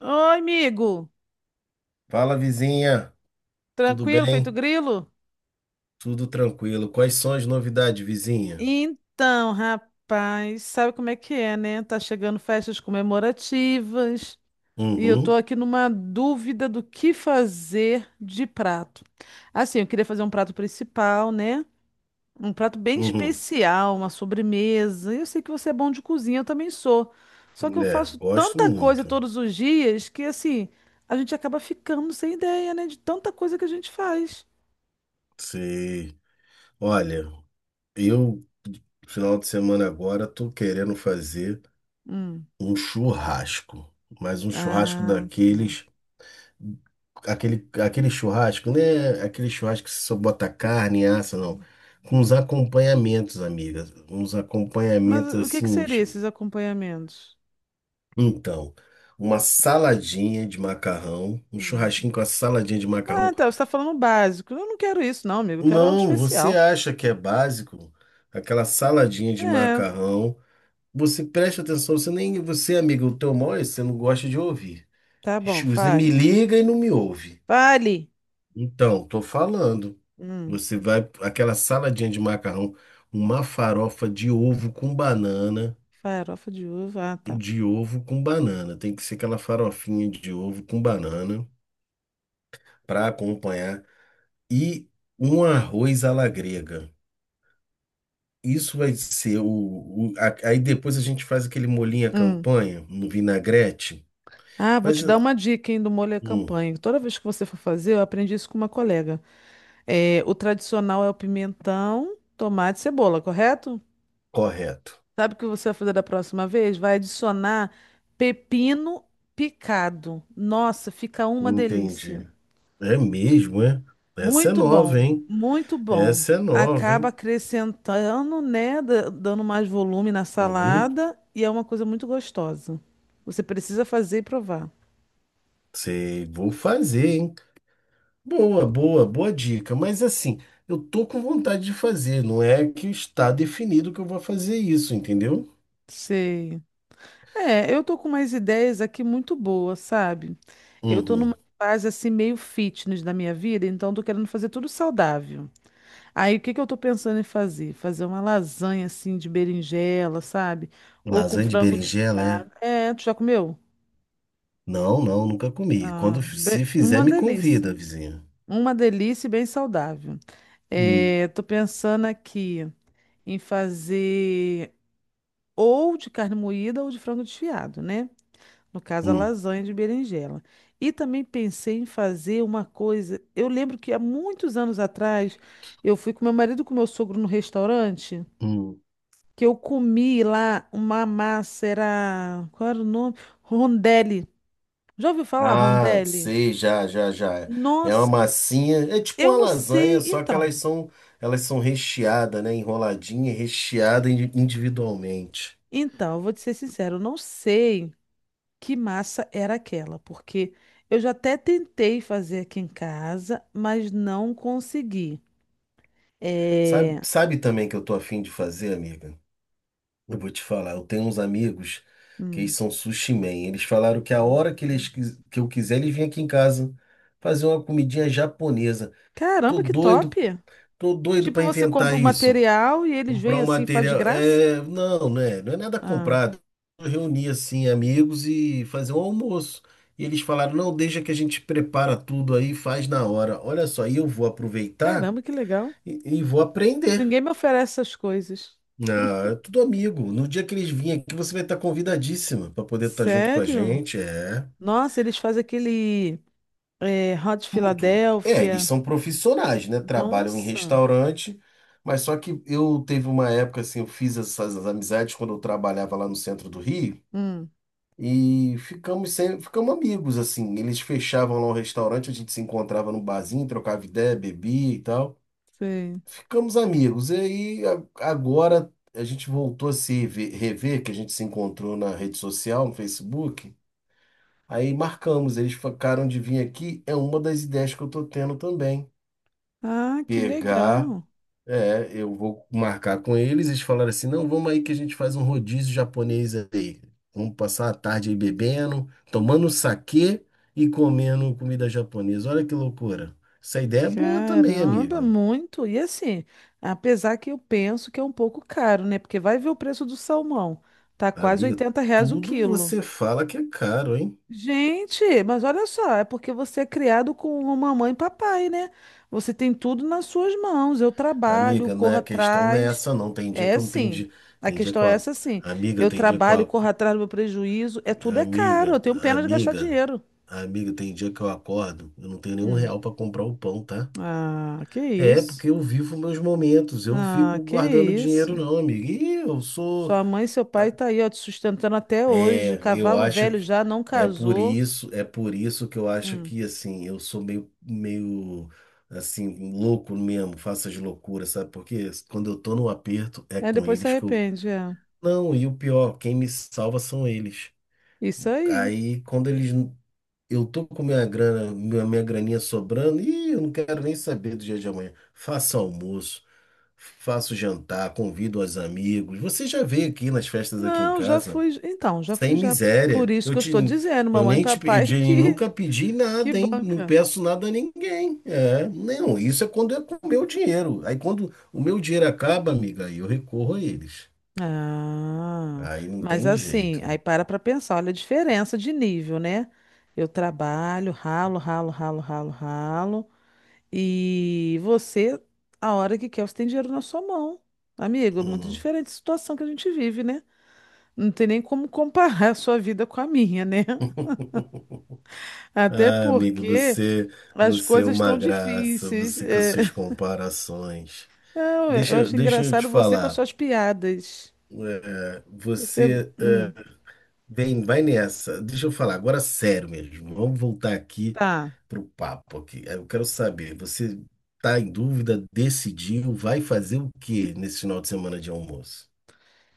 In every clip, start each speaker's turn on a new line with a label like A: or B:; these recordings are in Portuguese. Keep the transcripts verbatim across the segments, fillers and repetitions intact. A: Oi, amigo.
B: Fala, vizinha. Tudo
A: Tranquilo, feito
B: bem?
A: grilo?
B: Tudo tranquilo. Quais são as novidades, vizinha?
A: Então, rapaz, sabe como é que é, né? Tá chegando festas comemorativas e eu tô
B: Uhum,
A: aqui numa dúvida do que fazer de prato. Assim, eu queria fazer um prato principal, né? Um prato bem
B: uhum.
A: especial, uma sobremesa. Eu sei que você é bom de cozinha, eu também sou. Só que eu
B: É,
A: faço
B: gosto
A: tanta coisa
B: muito.
A: todos os dias que, assim, a gente acaba ficando sem ideia, né? De tanta coisa que a gente faz.
B: Sei. Olha, eu, final de semana agora, tô querendo fazer
A: Hum.
B: um churrasco. Mas um churrasco
A: Ah, tá.
B: daqueles. Aquele, aquele churrasco, né? Aquele churrasco que você só bota carne, assa, não. Com uns acompanhamentos, amiga. Uns
A: Mas
B: acompanhamentos
A: o que que
B: assim.
A: seria esses acompanhamentos?
B: Então, uma saladinha de macarrão, um
A: Hum.
B: churrasquinho com a saladinha de
A: Ah,
B: macarrão.
A: tá. Você está falando o básico. Eu não quero isso, não, amigo. Eu quero algo
B: Não, você
A: especial.
B: acha que é básico? Aquela saladinha de
A: É,
B: macarrão. Você presta atenção, você nem você, amigo, o teu mal é esse, você não gosta de ouvir.
A: tá bom.
B: Você me
A: Fale.
B: liga e não me ouve.
A: Fale.
B: Então, tô falando.
A: Hum.
B: Você vai aquela saladinha de macarrão, uma farofa de ovo com banana,
A: Farofa de uva. Ah, tá.
B: de ovo com banana. Tem que ser aquela farofinha de ovo com banana para acompanhar e um arroz à la grega. Isso vai ser o, o- a- aí depois a gente faz aquele molhinho à
A: Hum.
B: campanha no vinagrete.
A: Ah, vou
B: Mas
A: te dar uma dica, hein, do molho à
B: hum,
A: campanha. Toda vez que você for fazer, eu aprendi isso com uma colega. É, o tradicional é o pimentão, tomate e cebola, correto?
B: correto.
A: Sabe o que você vai fazer da próxima vez? Vai adicionar pepino picado. Nossa, fica uma delícia.
B: Entendi. É mesmo, é? Essa é
A: Muito
B: nova,
A: bom,
B: hein?
A: muito bom.
B: Essa é nova,
A: Acaba
B: hein?
A: acrescentando, né? da- Dando mais volume na
B: Uhum.
A: salada e é uma coisa muito gostosa. Você precisa fazer e provar.
B: Sei, vou fazer, hein? Boa, boa, boa dica. Mas assim, eu tô com vontade de fazer, não é que está definido que eu vou fazer isso, entendeu?
A: Sei. É, eu tô com umas ideias aqui muito boas, sabe? Eu tô
B: Uhum.
A: numa fase assim meio fitness da minha vida, então tô querendo fazer tudo saudável. Aí o que que eu tô pensando em fazer? Fazer uma lasanha assim de berinjela, sabe? Ou com
B: Lasanha de
A: frango
B: berinjela, é?
A: desfiado. É, tu já comeu?
B: Não, não, nunca comi. Quando
A: Ah,
B: f-
A: be-
B: se fizer,
A: uma
B: me convida,
A: delícia.
B: vizinha.
A: Uma delícia e bem saudável.
B: Hum,
A: É, tô pensando aqui em fazer ou de carne moída ou de frango desfiado, né? No caso, a
B: hum,
A: lasanha de berinjela. E também pensei em fazer uma coisa. Eu lembro que há muitos anos atrás eu fui com meu marido e com meu sogro no restaurante,
B: hum.
A: que eu comi lá uma massa, era. Qual era o nome? Rondelli. Já ouviu falar
B: Ah,
A: rondelli?
B: sei, já, já, já. É uma
A: Nossa,
B: massinha, é tipo
A: eu
B: uma
A: não
B: lasanha,
A: sei.
B: só que elas
A: Então,
B: são, elas são recheadas, né? Enroladinha, e recheada indi- individualmente.
A: então, eu vou te ser sincero, eu não sei que massa era aquela, porque eu já até tentei fazer aqui em casa, mas não consegui.
B: Sabe,
A: É.
B: sabe também que eu tô afim de fazer, amiga? Eu vou te falar, eu tenho uns amigos que eles
A: Hum.
B: são sushi man. Eles falaram que a hora que eles quis- que eu quiser, eles vêm aqui em casa fazer uma comidinha japonesa. Tô
A: Caramba, que top!
B: doido Tô doido
A: Tipo,
B: para
A: você compra
B: inventar
A: o
B: isso.
A: material e eles
B: Comprar
A: vêm
B: um
A: assim, faz de
B: material.
A: graça?
B: É, não, né? Não é nada
A: Ah,
B: comprado. Eu reuni assim amigos e fazer um almoço. E eles falaram: "Não, deixa que a gente prepara tudo aí, e faz na hora". Olha só, e eu vou aproveitar
A: caramba, que legal.
B: e, e vou aprender.
A: Ninguém me oferece essas coisas.
B: Ah, é tudo amigo. No dia que eles virem aqui, você vai estar convidadíssima para poder estar junto com a
A: Sério?
B: gente. É.
A: Nossa, eles fazem aquele eh, Hot
B: Tudo. É, eles
A: Philadelphia.
B: são profissionais, né? Trabalham em
A: Nossa.
B: restaurante, mas só que eu teve uma época assim, eu fiz essas amizades quando eu trabalhava lá no centro do Rio
A: Hum,
B: e ficamos sem, ficamos amigos assim. Eles fechavam lá um restaurante, a gente se encontrava num barzinho, trocava ideia, bebia e tal.
A: sei.
B: Ficamos amigos. E aí a- agora a gente voltou a se ve- rever, que a gente se encontrou na rede social, no Facebook. Aí marcamos, eles ficaram de vir aqui, é uma das ideias que eu tô tendo também.
A: Ah, que
B: Pegar,
A: legal.
B: é, eu vou marcar com eles, eles falaram assim, não, vamos aí que a gente faz um rodízio japonês aí. Vamos passar a tarde aí bebendo, tomando saquê e comendo comida japonesa. Olha que loucura. Essa ideia é boa também,
A: Caramba,
B: amiga.
A: muito. E assim, apesar que eu penso que é um pouco caro, né? Porque vai ver o preço do salmão. Tá quase
B: Amiga,
A: oitenta reais o
B: tudo
A: quilo.
B: você fala que é caro, hein?
A: Gente, mas olha só, é porque você é criado com uma mamãe e papai, né? Você tem tudo nas suas mãos. Eu trabalho,
B: Amiga, não é
A: corro
B: a questão não é
A: atrás.
B: essa não. Tem dia que
A: É
B: eu não tenho
A: sim.
B: dia,
A: A
B: tem dia que
A: questão
B: eu,
A: é
B: ac-
A: essa sim.
B: amiga,
A: Eu
B: tem dia que eu,
A: trabalho,
B: ac-
A: corro atrás do meu prejuízo. É tudo é caro. Eu
B: amiga,
A: tenho pena de gastar
B: amiga,
A: dinheiro.
B: amiga, tem dia que eu acordo, eu não tenho nenhum
A: Hum.
B: real para comprar o pão, tá?
A: Ah, que
B: É,
A: isso.
B: porque eu vivo meus momentos, eu
A: Ah,
B: fico
A: que
B: guardando dinheiro
A: isso.
B: não, amigo. E eu sou,
A: Sua mãe e seu pai tá aí, ó, te sustentando até hoje.
B: é, eu
A: Cavalo
B: acho
A: velho
B: que
A: já não
B: é por
A: casou.
B: isso, é por isso que eu acho
A: Hum.
B: que assim, eu sou meio meio assim louco mesmo, faço as loucuras, sabe? Porque quando eu tô no aperto é
A: É,
B: com
A: depois se
B: eles que eu.
A: arrepende, é.
B: Não, e o pior, quem me salva são eles.
A: Isso aí.
B: Aí quando eles eu tô com minha grana, minha, minha graninha sobrando, e eu não quero nem saber do dia de amanhã. Faça almoço. Faço jantar, convido os amigos. Você já veio aqui nas festas aqui em
A: Não, já
B: casa,
A: fui. Então, já
B: sem
A: fui já. Por
B: miséria.
A: isso
B: Eu
A: que eu
B: te,
A: estou dizendo,
B: eu
A: mamãe e
B: nem te, pe- eu
A: papai,
B: de-
A: que,
B: Nunca pedi
A: que
B: nada, hein? Não
A: banca.
B: peço nada a ninguém. É, não, isso é quando é com o meu dinheiro. Aí quando o meu dinheiro acaba, amiga, aí eu recorro a eles.
A: Ah,
B: Aí não
A: mas
B: tem
A: assim,
B: jeito.
A: aí para para pensar, olha a diferença de nível, né? Eu trabalho, ralo, ralo, ralo, ralo, ralo, e você, a hora que quer, você tem dinheiro na sua mão. Amigo, é muito
B: Uhum.
A: diferente a situação que a gente vive, né? Não tem nem como comparar a sua vida com a minha, né? Até
B: Ah, amiga,
A: porque
B: você,
A: as
B: você é
A: coisas
B: uma
A: estão
B: graça,
A: difíceis.
B: você com as
A: É.
B: suas comparações.
A: Não, eu
B: Deixa,
A: acho
B: deixa eu te
A: engraçado você com as
B: falar.
A: suas piadas.
B: É,
A: Você,
B: você
A: hum,
B: é. Vem, vai nessa. Deixa eu falar agora sério mesmo. Vamos voltar aqui
A: tá.
B: pro papo aqui. Eu quero saber, você tá em dúvida, decidiu, vai fazer o que nesse final de semana de almoço?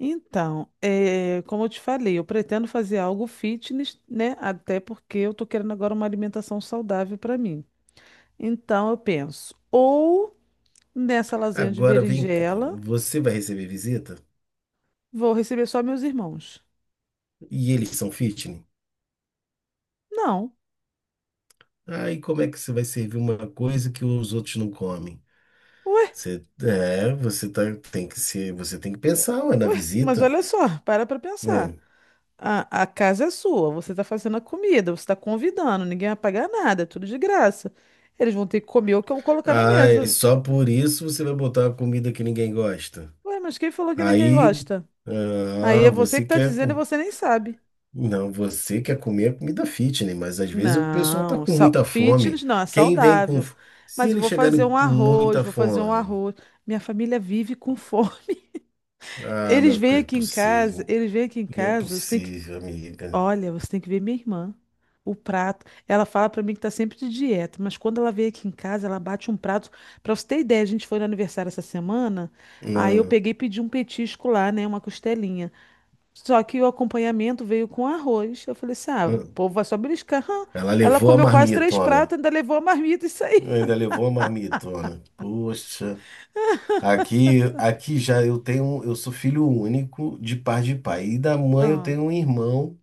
A: Então, é, como eu te falei, eu pretendo fazer algo fitness, né? Até porque eu tô querendo agora uma alimentação saudável para mim. Então, eu penso, ou nessa lasanha de
B: Agora vem cá,
A: berinjela,
B: você vai receber visita?
A: vou receber só meus irmãos.
B: E eles são fitness?
A: Não.
B: Aí como é que você vai servir uma coisa que os outros não comem?
A: Ué,
B: Você, é, você tá, tem que ser, você tem que pensar, ué, na
A: ué, mas
B: visita.
A: olha só, para para pensar.
B: Hum.
A: A, a casa é sua, você tá fazendo a comida, você tá convidando, ninguém vai pagar nada, é tudo de graça. Eles vão ter que comer o que eu colocar na
B: Ah, e
A: mesa.
B: só por isso você vai botar uma comida que ninguém gosta.
A: Ué, mas quem falou que ninguém
B: Aí,
A: gosta? Aí
B: ah,
A: é você
B: você
A: que tá
B: quer
A: dizendo e
B: com...
A: você nem sabe.
B: Não, você quer comer a comida fitness, mas às vezes o pessoal tá
A: Não,
B: com
A: sa-
B: muita fome.
A: fitness não, é
B: Quem vem com...
A: saudável.
B: f- Se
A: Mas eu
B: eles
A: vou fazer
B: chegarem
A: um
B: com
A: arroz,
B: muita
A: vou fazer um
B: fome...
A: arroz. Minha família vive com fome.
B: Ah, não
A: Eles vêm
B: é
A: aqui em casa,
B: possível.
A: eles vêm aqui em
B: Não é
A: casa, você tem que.
B: possível, amiga.
A: Olha, você tem que ver minha irmã. O prato. Ela fala pra mim que tá sempre de dieta, mas quando ela vem aqui em casa, ela bate um prato. Pra você ter ideia, a gente foi no aniversário essa semana, aí eu
B: Não.
A: peguei e pedi um petisco lá, né? Uma costelinha. Só que o acompanhamento veio com arroz. Eu falei assim: ah, o
B: Não.
A: povo vai só beliscar. Hã?
B: Ela
A: Ela
B: levou a
A: comeu quase três
B: marmitona.
A: pratos, ainda levou a marmita e saiu.
B: Ainda levou a marmitona. Poxa. Aqui, aqui já eu tenho... Eu sou filho único de par de pai. E da mãe eu
A: Ah,
B: tenho um irmão.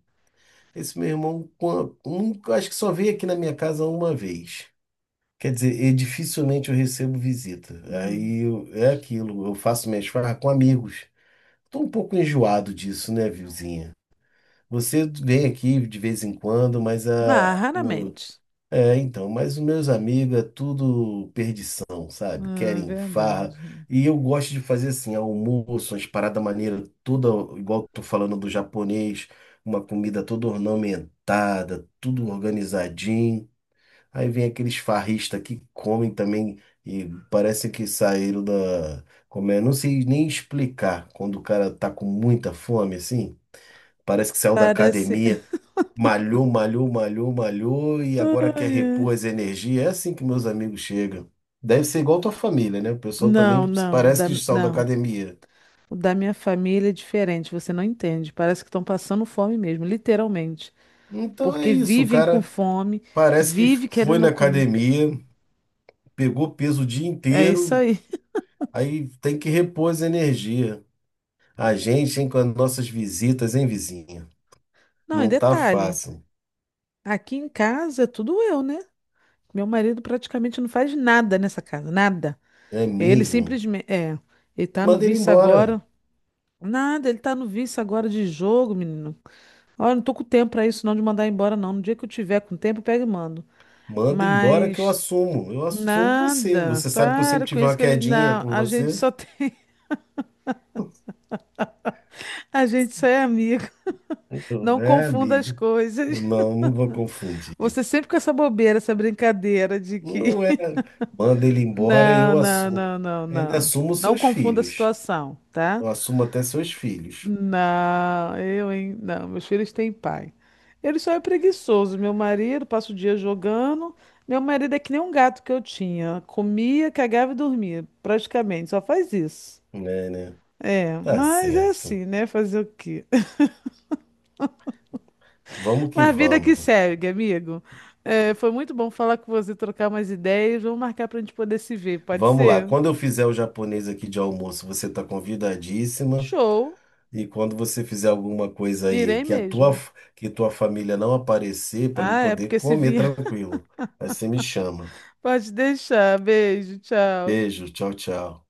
B: Esse meu irmão, quan- um- acho que só veio aqui na minha casa uma vez. Quer dizer, e dificilmente eu recebo visita.
A: hum.
B: Aí eu- é aquilo, eu faço minhas farras com amigos. Tô um pouco enjoado disso, né, Vilzinha? Você vem aqui de vez em quando, mas
A: Ah,
B: a,
A: raramente.
B: é, então, mas os meus amigos é tudo perdição, sabe?
A: Ah,
B: Querem farra.
A: verdade.
B: E eu gosto de fazer assim, almoço, umas paradas maneiras, toda igual que tô falando do japonês, uma comida toda ornamentada, tudo organizadinho. Aí vem aqueles farristas que comem também e parece que saíram da. Como é? Não sei nem explicar quando o cara tá com muita fome, assim. Parece que saiu da
A: Parece.
B: academia. Malhou, malhou, malhou, malhou e agora quer
A: Ai, ai.
B: repor as energias. É assim que meus amigos chegam. Deve ser igual tua família, né? O pessoal também
A: Não, não, o
B: parece
A: da,
B: que saiu da
A: não.
B: academia.
A: O da minha família é diferente, você não entende. Parece que estão passando fome mesmo, literalmente.
B: Então é
A: Porque
B: isso, o
A: vivem com
B: cara
A: fome,
B: parece que
A: vive
B: foi na
A: querendo comer.
B: academia, pegou peso o dia
A: É isso
B: inteiro,
A: aí.
B: aí tem que repor as energias. A gente, hein, com as nossas visitas, hein, vizinha?
A: Não, e
B: Não tá
A: detalhe,
B: fácil,
A: aqui em casa é tudo eu, né? Meu marido praticamente não faz nada nessa casa, nada.
B: não é
A: Ele
B: mesmo?
A: simplesmente, é, ele tá no
B: Manda ele
A: vício
B: embora.
A: agora. Nada, ele tá no vício agora de jogo, menino. Olha, não tô com tempo pra isso não de mandar embora não. No dia que eu tiver com tempo, eu pego e mando.
B: Manda embora que eu
A: Mas
B: assumo. Eu assumo você.
A: nada.
B: Você sabe que eu
A: Para
B: sempre
A: com
B: tive
A: isso
B: uma
A: que ele,
B: quedinha
A: não,
B: por
A: a gente
B: você.
A: só tem, a gente só é amigo. Não
B: É,
A: confunda as
B: amigo. Não,
A: coisas.
B: não vou confundir.
A: Você sempre com essa bobeira, essa brincadeira de que
B: Não é. Manda ele embora e
A: Não,
B: eu
A: não,
B: assumo.
A: não, não,
B: Ainda
A: não.
B: assumo
A: Não
B: seus
A: confunda a
B: filhos.
A: situação, tá?
B: Eu assumo até seus filhos.
A: Não, eu, hein? Não, meus filhos têm pai. Ele só é preguiçoso. Meu marido passa o dia jogando. Meu marido é que nem um gato que eu tinha. Comia, cagava e dormia, praticamente. Só faz isso.
B: É, né?
A: É,
B: Tá
A: mas é
B: certo.
A: assim, né? Fazer o quê?
B: Vamos que
A: Mas a vida que
B: vamos.
A: segue, amigo. É, foi muito bom falar com você, trocar umas ideias. Vamos marcar pra gente poder se ver, pode
B: Vamos lá.
A: ser?
B: Quando eu fizer o japonês aqui de almoço, você tá convidadíssima.
A: Show!
B: E quando você fizer alguma coisa aí
A: Irei
B: que a tua,
A: mesmo.
B: que tua família não aparecer, para me
A: Ah, é
B: poder
A: porque se
B: comer
A: vir,
B: tranquilo. Aí você me chama.
A: pode deixar. Beijo, tchau.
B: Beijo, tchau, tchau.